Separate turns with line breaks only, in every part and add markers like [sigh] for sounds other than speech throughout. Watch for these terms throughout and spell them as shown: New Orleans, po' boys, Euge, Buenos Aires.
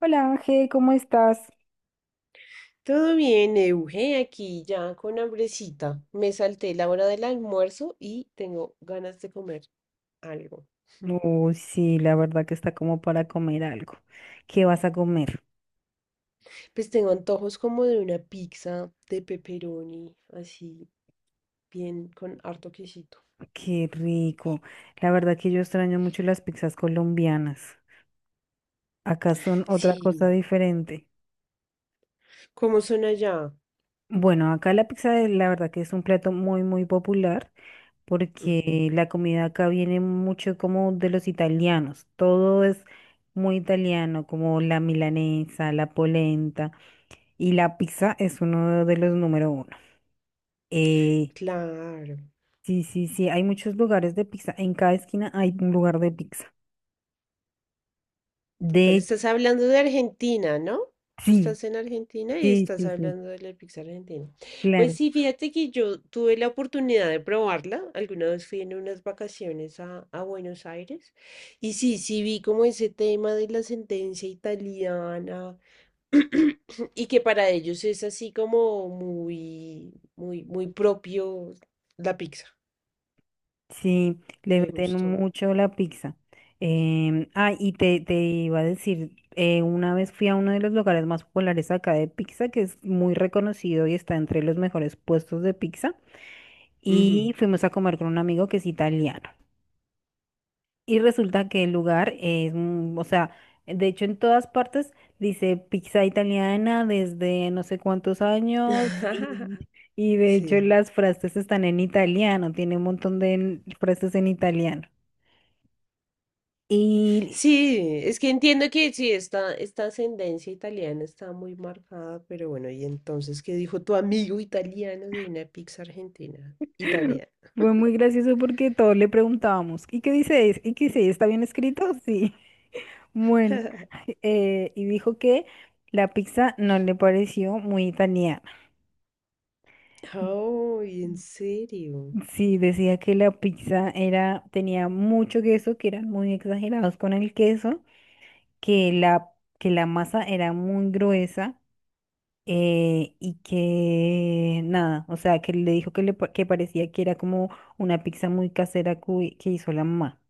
Hola Ángel, ¿cómo estás?
Todo bien, Euge, aquí ya con hambrecita. Me salté la hora del almuerzo y tengo ganas de comer algo. [laughs]
Uy, sí, la verdad que está como para comer algo. ¿Qué vas a comer?
Pues tengo antojos como de una pizza de pepperoni, así, bien con harto quesito.
Qué rico. La verdad que yo extraño mucho las pizzas colombianas. Acá son otra cosa
Sí,
diferente.
¿cómo son allá?
Bueno, acá la pizza la verdad que es un plato muy popular
Ujú.
porque la comida acá viene mucho como de los italianos. Todo es muy italiano, como la milanesa, la polenta y la pizza es uno de los número uno. Eh,
Claro.
Sí, sí, sí, hay muchos lugares de pizza. En cada esquina hay un lugar de pizza.
Total,
De
estás hablando de Argentina, ¿no? Tú
Sí,
estás en Argentina y
sí,
estás
sí, sí,
hablando de la pizza argentina. Pues
claro.
sí, fíjate que yo tuve la oportunidad de probarla. Alguna vez fui en unas vacaciones a Buenos Aires. Y sí, sí vi como ese tema de la sentencia italiana [clears throat] y que para ellos es así como muy, muy, muy propio la pizza.
Sí, le
Me
meten
gustó.
mucho la pizza. Te iba a decir, una vez fui a uno de los lugares más populares acá de pizza, que es muy reconocido y está entre los mejores puestos de pizza,
Ujú.
y fuimos a comer con un amigo que es italiano. Y resulta que el lugar es, o sea, de hecho en todas partes dice pizza italiana desde no sé cuántos años
[laughs]
y de hecho
Sí.
las frases están en italiano, tiene un montón de frases en italiano. Y
Sí, es que entiendo que sí, esta ascendencia italiana está muy marcada, pero bueno, y entonces, ¿qué dijo tu amigo italiano de una pizza argentina? Italiana.
fue muy gracioso porque todos le preguntábamos, ¿y qué dice? ¿Y qué dice? ¿Está bien escrito? Sí, [laughs] bueno.
[laughs]
[laughs] Y dijo que la pizza no le pareció muy italiana.
Oh, ¿en serio? [gasps]
Sí, decía que la pizza era, tenía mucho queso, que eran muy exagerados con el queso, que la, que la masa era muy gruesa, y que nada, o sea, que le dijo que, que parecía que era como una pizza muy casera que hizo la mamá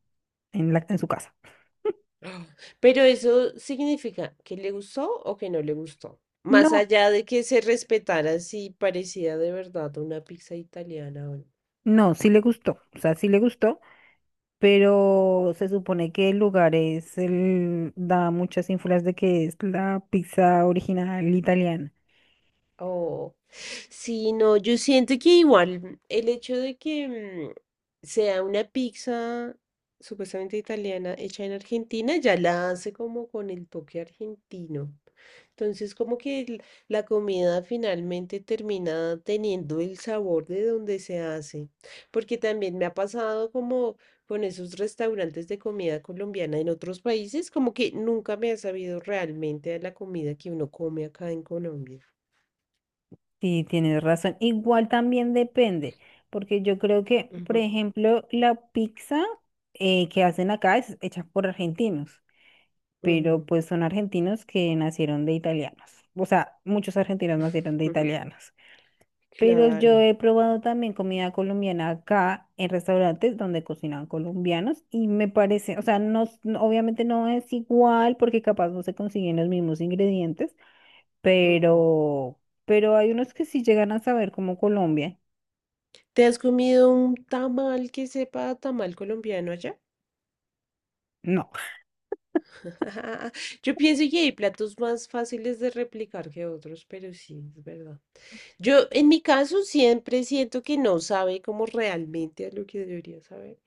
en su casa.
Ah, pero eso significa que le gustó o que no le gustó. Más
No,
allá de que se respetara si parecía de verdad una pizza italiana o no.
no, sí le gustó, o sea, sí le gustó, pero se supone que el lugar es, da muchas ínfulas de que es la pizza original italiana.
Oh, sí, no, yo siento que igual el hecho de que sea una pizza supuestamente italiana hecha en Argentina ya la hace como con el toque argentino. Entonces, como que la comida finalmente termina teniendo el sabor de donde se hace. Porque también me ha pasado como con esos restaurantes de comida colombiana en otros países, como que nunca me ha sabido realmente a la comida que uno come acá en Colombia.
Sí, tienes razón. Igual también depende, porque yo creo que, por ejemplo, la pizza que hacen acá es hecha por argentinos, pero
Ujú.
pues son argentinos que nacieron de italianos. O sea, muchos argentinos nacieron de
[laughs]
italianos. Pero yo
Claro.
he probado también comida colombiana acá en restaurantes donde cocinan colombianos y me parece, o sea, obviamente no es igual porque capaz no se consiguen los mismos ingredientes,
Ujú.
pero, pero hay unos que sí llegan a saber como Colombia.
¿Te has comido un tamal que sepa a tamal colombiano allá?
No,
[laughs] Yo pienso que hay platos más fáciles de replicar que otros, pero sí, es verdad. Yo, en mi caso, siempre siento que no sabe como realmente a lo que debería saber,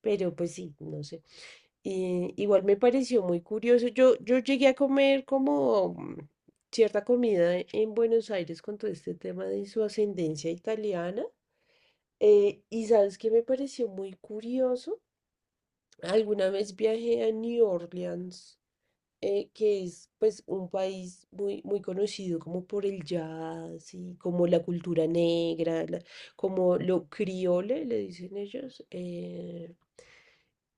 pero pues sí, no sé. Igual me pareció muy curioso. Yo llegué a comer como cierta comida en Buenos Aires con todo este tema de su ascendencia italiana. Y sabes que me pareció muy curioso. Alguna vez viajé a New Orleans, que es pues un país muy, muy conocido como por el jazz y como la cultura negra, como lo criole, le dicen ellos.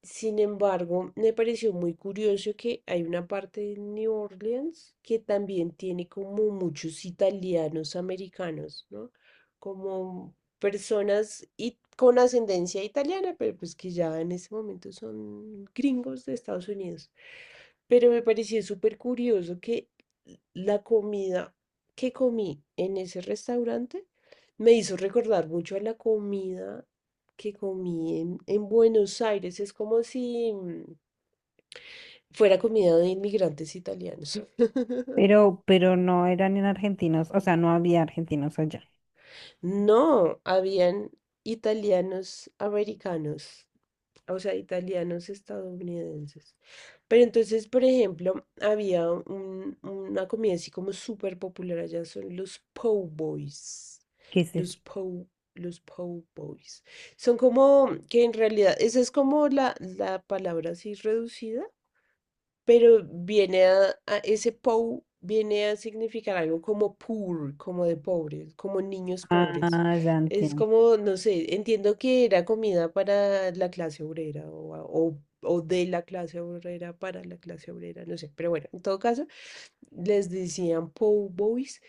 Sin embargo, me pareció muy curioso que hay una parte de New Orleans que también tiene como muchos italianos americanos, ¿no? Como personas y con ascendencia italiana, pero pues que ya en ese momento son gringos de Estados Unidos. Pero me pareció súper curioso que la comida que comí en ese restaurante me hizo recordar mucho a la comida que comí en Buenos Aires. Es como si fuera comida de inmigrantes italianos. [laughs]
pero no eran en argentinos, o sea, no había argentinos allá.
No, habían italianos americanos, o sea, italianos estadounidenses. Pero entonces, por ejemplo, había una comida así como súper popular allá, son los po' boys.
¿Qué es eso?
Los po', los po' boys. Son como, que en realidad, esa es como la palabra así reducida, pero viene a ese pou viene a significar algo como poor, como de pobres, como niños pobres.
Ah, ya
Es
entiendo.
como, no sé, entiendo que era comida para la clase obrera o de la clase obrera para la clase obrera, no sé, pero bueno, en todo caso, les decían pou boys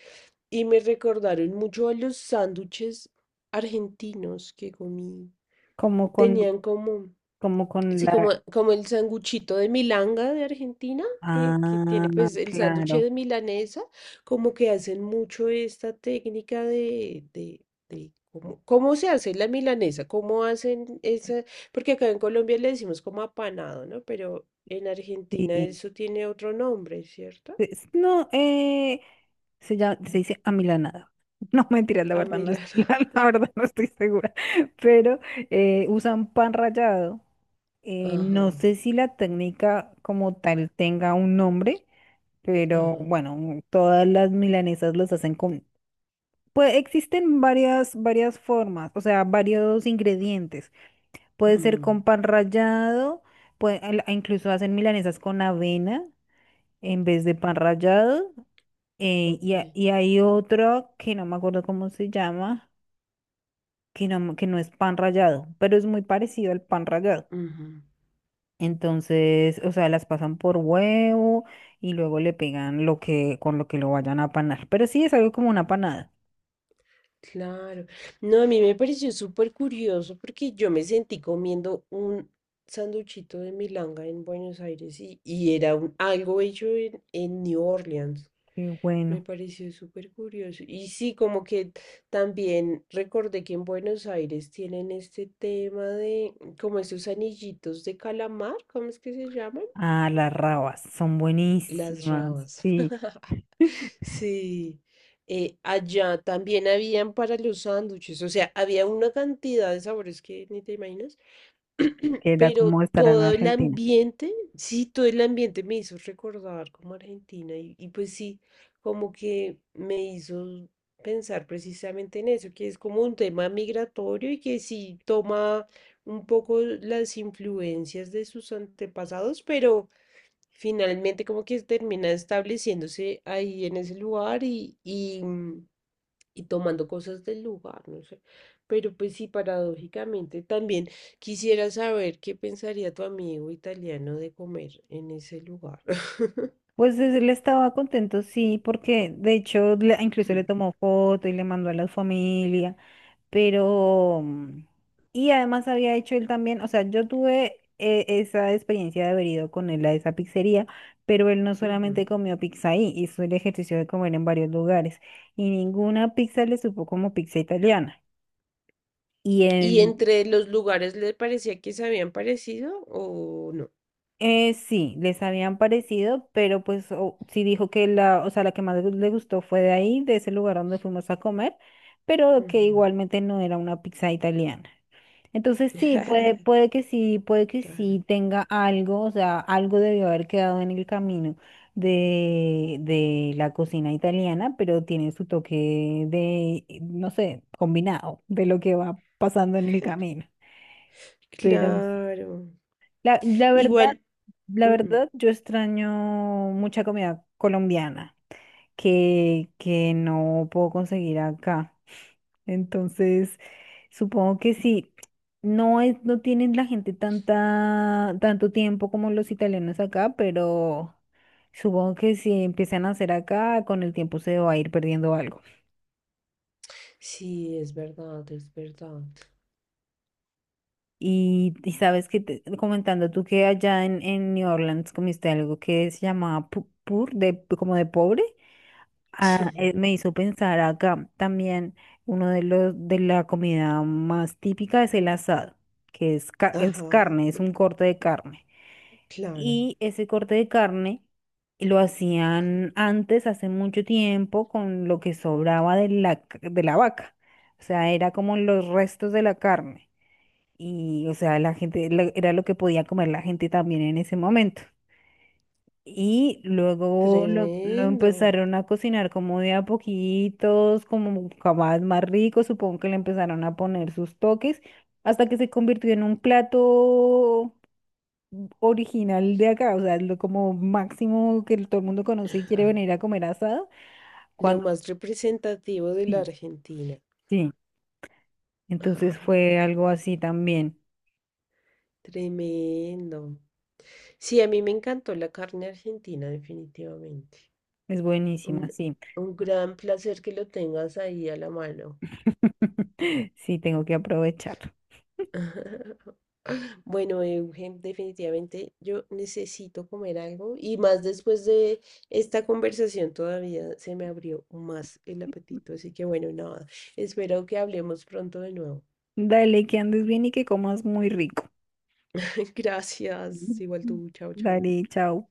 y me recordaron mucho a los sándwiches argentinos que comí.
Como con,
Tenían como
como con
sí,
la.
como, como el sanguchito de milanga de Argentina, que tiene
Ah,
pues el sándwich
claro.
de milanesa, como que hacen mucho esta técnica de cómo, cómo se hace la milanesa, cómo hacen esa, porque acá en Colombia le decimos como apanado, ¿no? Pero en Argentina
Sí.
eso tiene otro nombre, ¿cierto?
No, se llama, se dice amilanada. [laughs] No, mentira, la
A
verdad no es, [laughs]
Milana.
la verdad no estoy segura. Pero usan pan rallado.
Ajá,
No sé si la técnica como tal tenga un nombre, pero
ajá.
bueno, todas las milanesas los hacen con... Pues existen varias, varias formas, o sea, varios ingredientes. Puede ser
Ujú.
con pan rallado, incluso hacen milanesas con avena en vez de pan rallado,
Ok.
y hay otro que no me acuerdo cómo se llama, que que no es pan rallado, pero es muy parecido al pan rallado.
Ujú.
Entonces, o sea, las pasan por huevo y luego le pegan lo que, con lo que lo vayan a panar. Pero sí es algo como una panada.
Claro. No, a mí me pareció súper curioso porque yo me sentí comiendo un sanduchito de milanga en Buenos Aires y era algo hecho en New Orleans.
Qué
Me
bueno.
pareció súper curioso. Y sí, como que también recordé que en Buenos Aires tienen este tema de como esos anillitos de calamar, ¿cómo es que se llaman?
Ah, las rabas son
Las
buenísimas.
ramas.
Sí,
[laughs] Sí. Allá también habían para los sándwiches. O sea, había una cantidad de sabores que ni te imaginas. [clears throat]
queda
Pero
como estará en
todo el
Argentina.
ambiente, sí, todo el ambiente me hizo recordar como Argentina. Y pues sí, como que me hizo pensar precisamente en eso, que es como un tema migratorio y que sí toma un poco las influencias de sus antepasados, pero finalmente como que termina estableciéndose ahí en ese lugar y, y, y tomando cosas del lugar, no sé. Pero pues sí, paradójicamente también quisiera saber qué pensaría tu amigo italiano de comer en ese lugar. [coughs]
Pues él estaba contento, sí, porque de hecho incluso le
[laughs]
tomó foto y le mandó a la familia. Pero, y además había hecho él también, o sea, yo tuve esa experiencia de haber ido con él a esa pizzería, pero él no
Ujú.
solamente comió pizza ahí, hizo el ejercicio de comer en varios lugares y ninguna pizza le supo como pizza italiana. Y
¿Y
él,
entre los lugares le parecía que se habían parecido o no?
sí, les habían parecido, pero pues sí dijo que la, o sea, la que más le gustó fue de ahí, de ese lugar donde fuimos a comer, pero que
Ujú.
igualmente no era una pizza italiana. Entonces sí, puede,
[laughs]
puede que
Claro.
sí tenga algo, o sea, algo debió haber quedado en el camino de la cocina italiana, pero tiene su toque de, no sé, combinado de lo que va pasando en el camino. Pero sí,
Claro.
la,
Igual.
la
Ujú.
verdad, yo extraño mucha comida colombiana que no puedo conseguir acá. Entonces, supongo que sí. No es, no tienen la gente tanta, tanto tiempo como los italianos acá, pero supongo que si empiezan a hacer acá, con el tiempo se va a ir perdiendo algo.
Sí, es verdad, es verdad.
Y sabes que comentando tú que allá en New Orleans comiste algo que se llamaba pur, de, como de pobre,
[laughs]
me hizo pensar acá también uno de los de la comida más típica es el asado, que es, es
Ajá,
carne, es un corte de carne.
claro.
Y ese corte de carne lo hacían antes, hace mucho tiempo, con lo que sobraba de la, de la vaca. O sea, era como los restos de la carne. Y, o sea, la gente era lo que podía comer la gente también en ese momento. Y luego lo
Tremendo.
empezaron a cocinar como de a poquitos, como más, más rico. Supongo que le empezaron a poner sus toques hasta que se convirtió en un plato original de acá, o sea, lo como máximo que todo el mundo conoce y quiere venir a comer asado,
Lo
cuando
más representativo de la
sí,
Argentina.
sí. Entonces
[laughs]
fue algo así también.
Tremendo. Sí, a mí me encantó la carne argentina, definitivamente.
Es
Un,
buenísima, sí.
un gran placer que lo tengas ahí a la mano.
[laughs] Sí, tengo que aprovechar.
[laughs] Bueno, Eugen, definitivamente yo necesito comer algo y más después de esta conversación todavía se me abrió más el apetito, así que bueno, nada, espero que hablemos pronto de nuevo.
Dale, que andes bien y que comas muy rico.
[laughs] Gracias,
Ujú.
igual tú, chao, chao.
Dale, chao.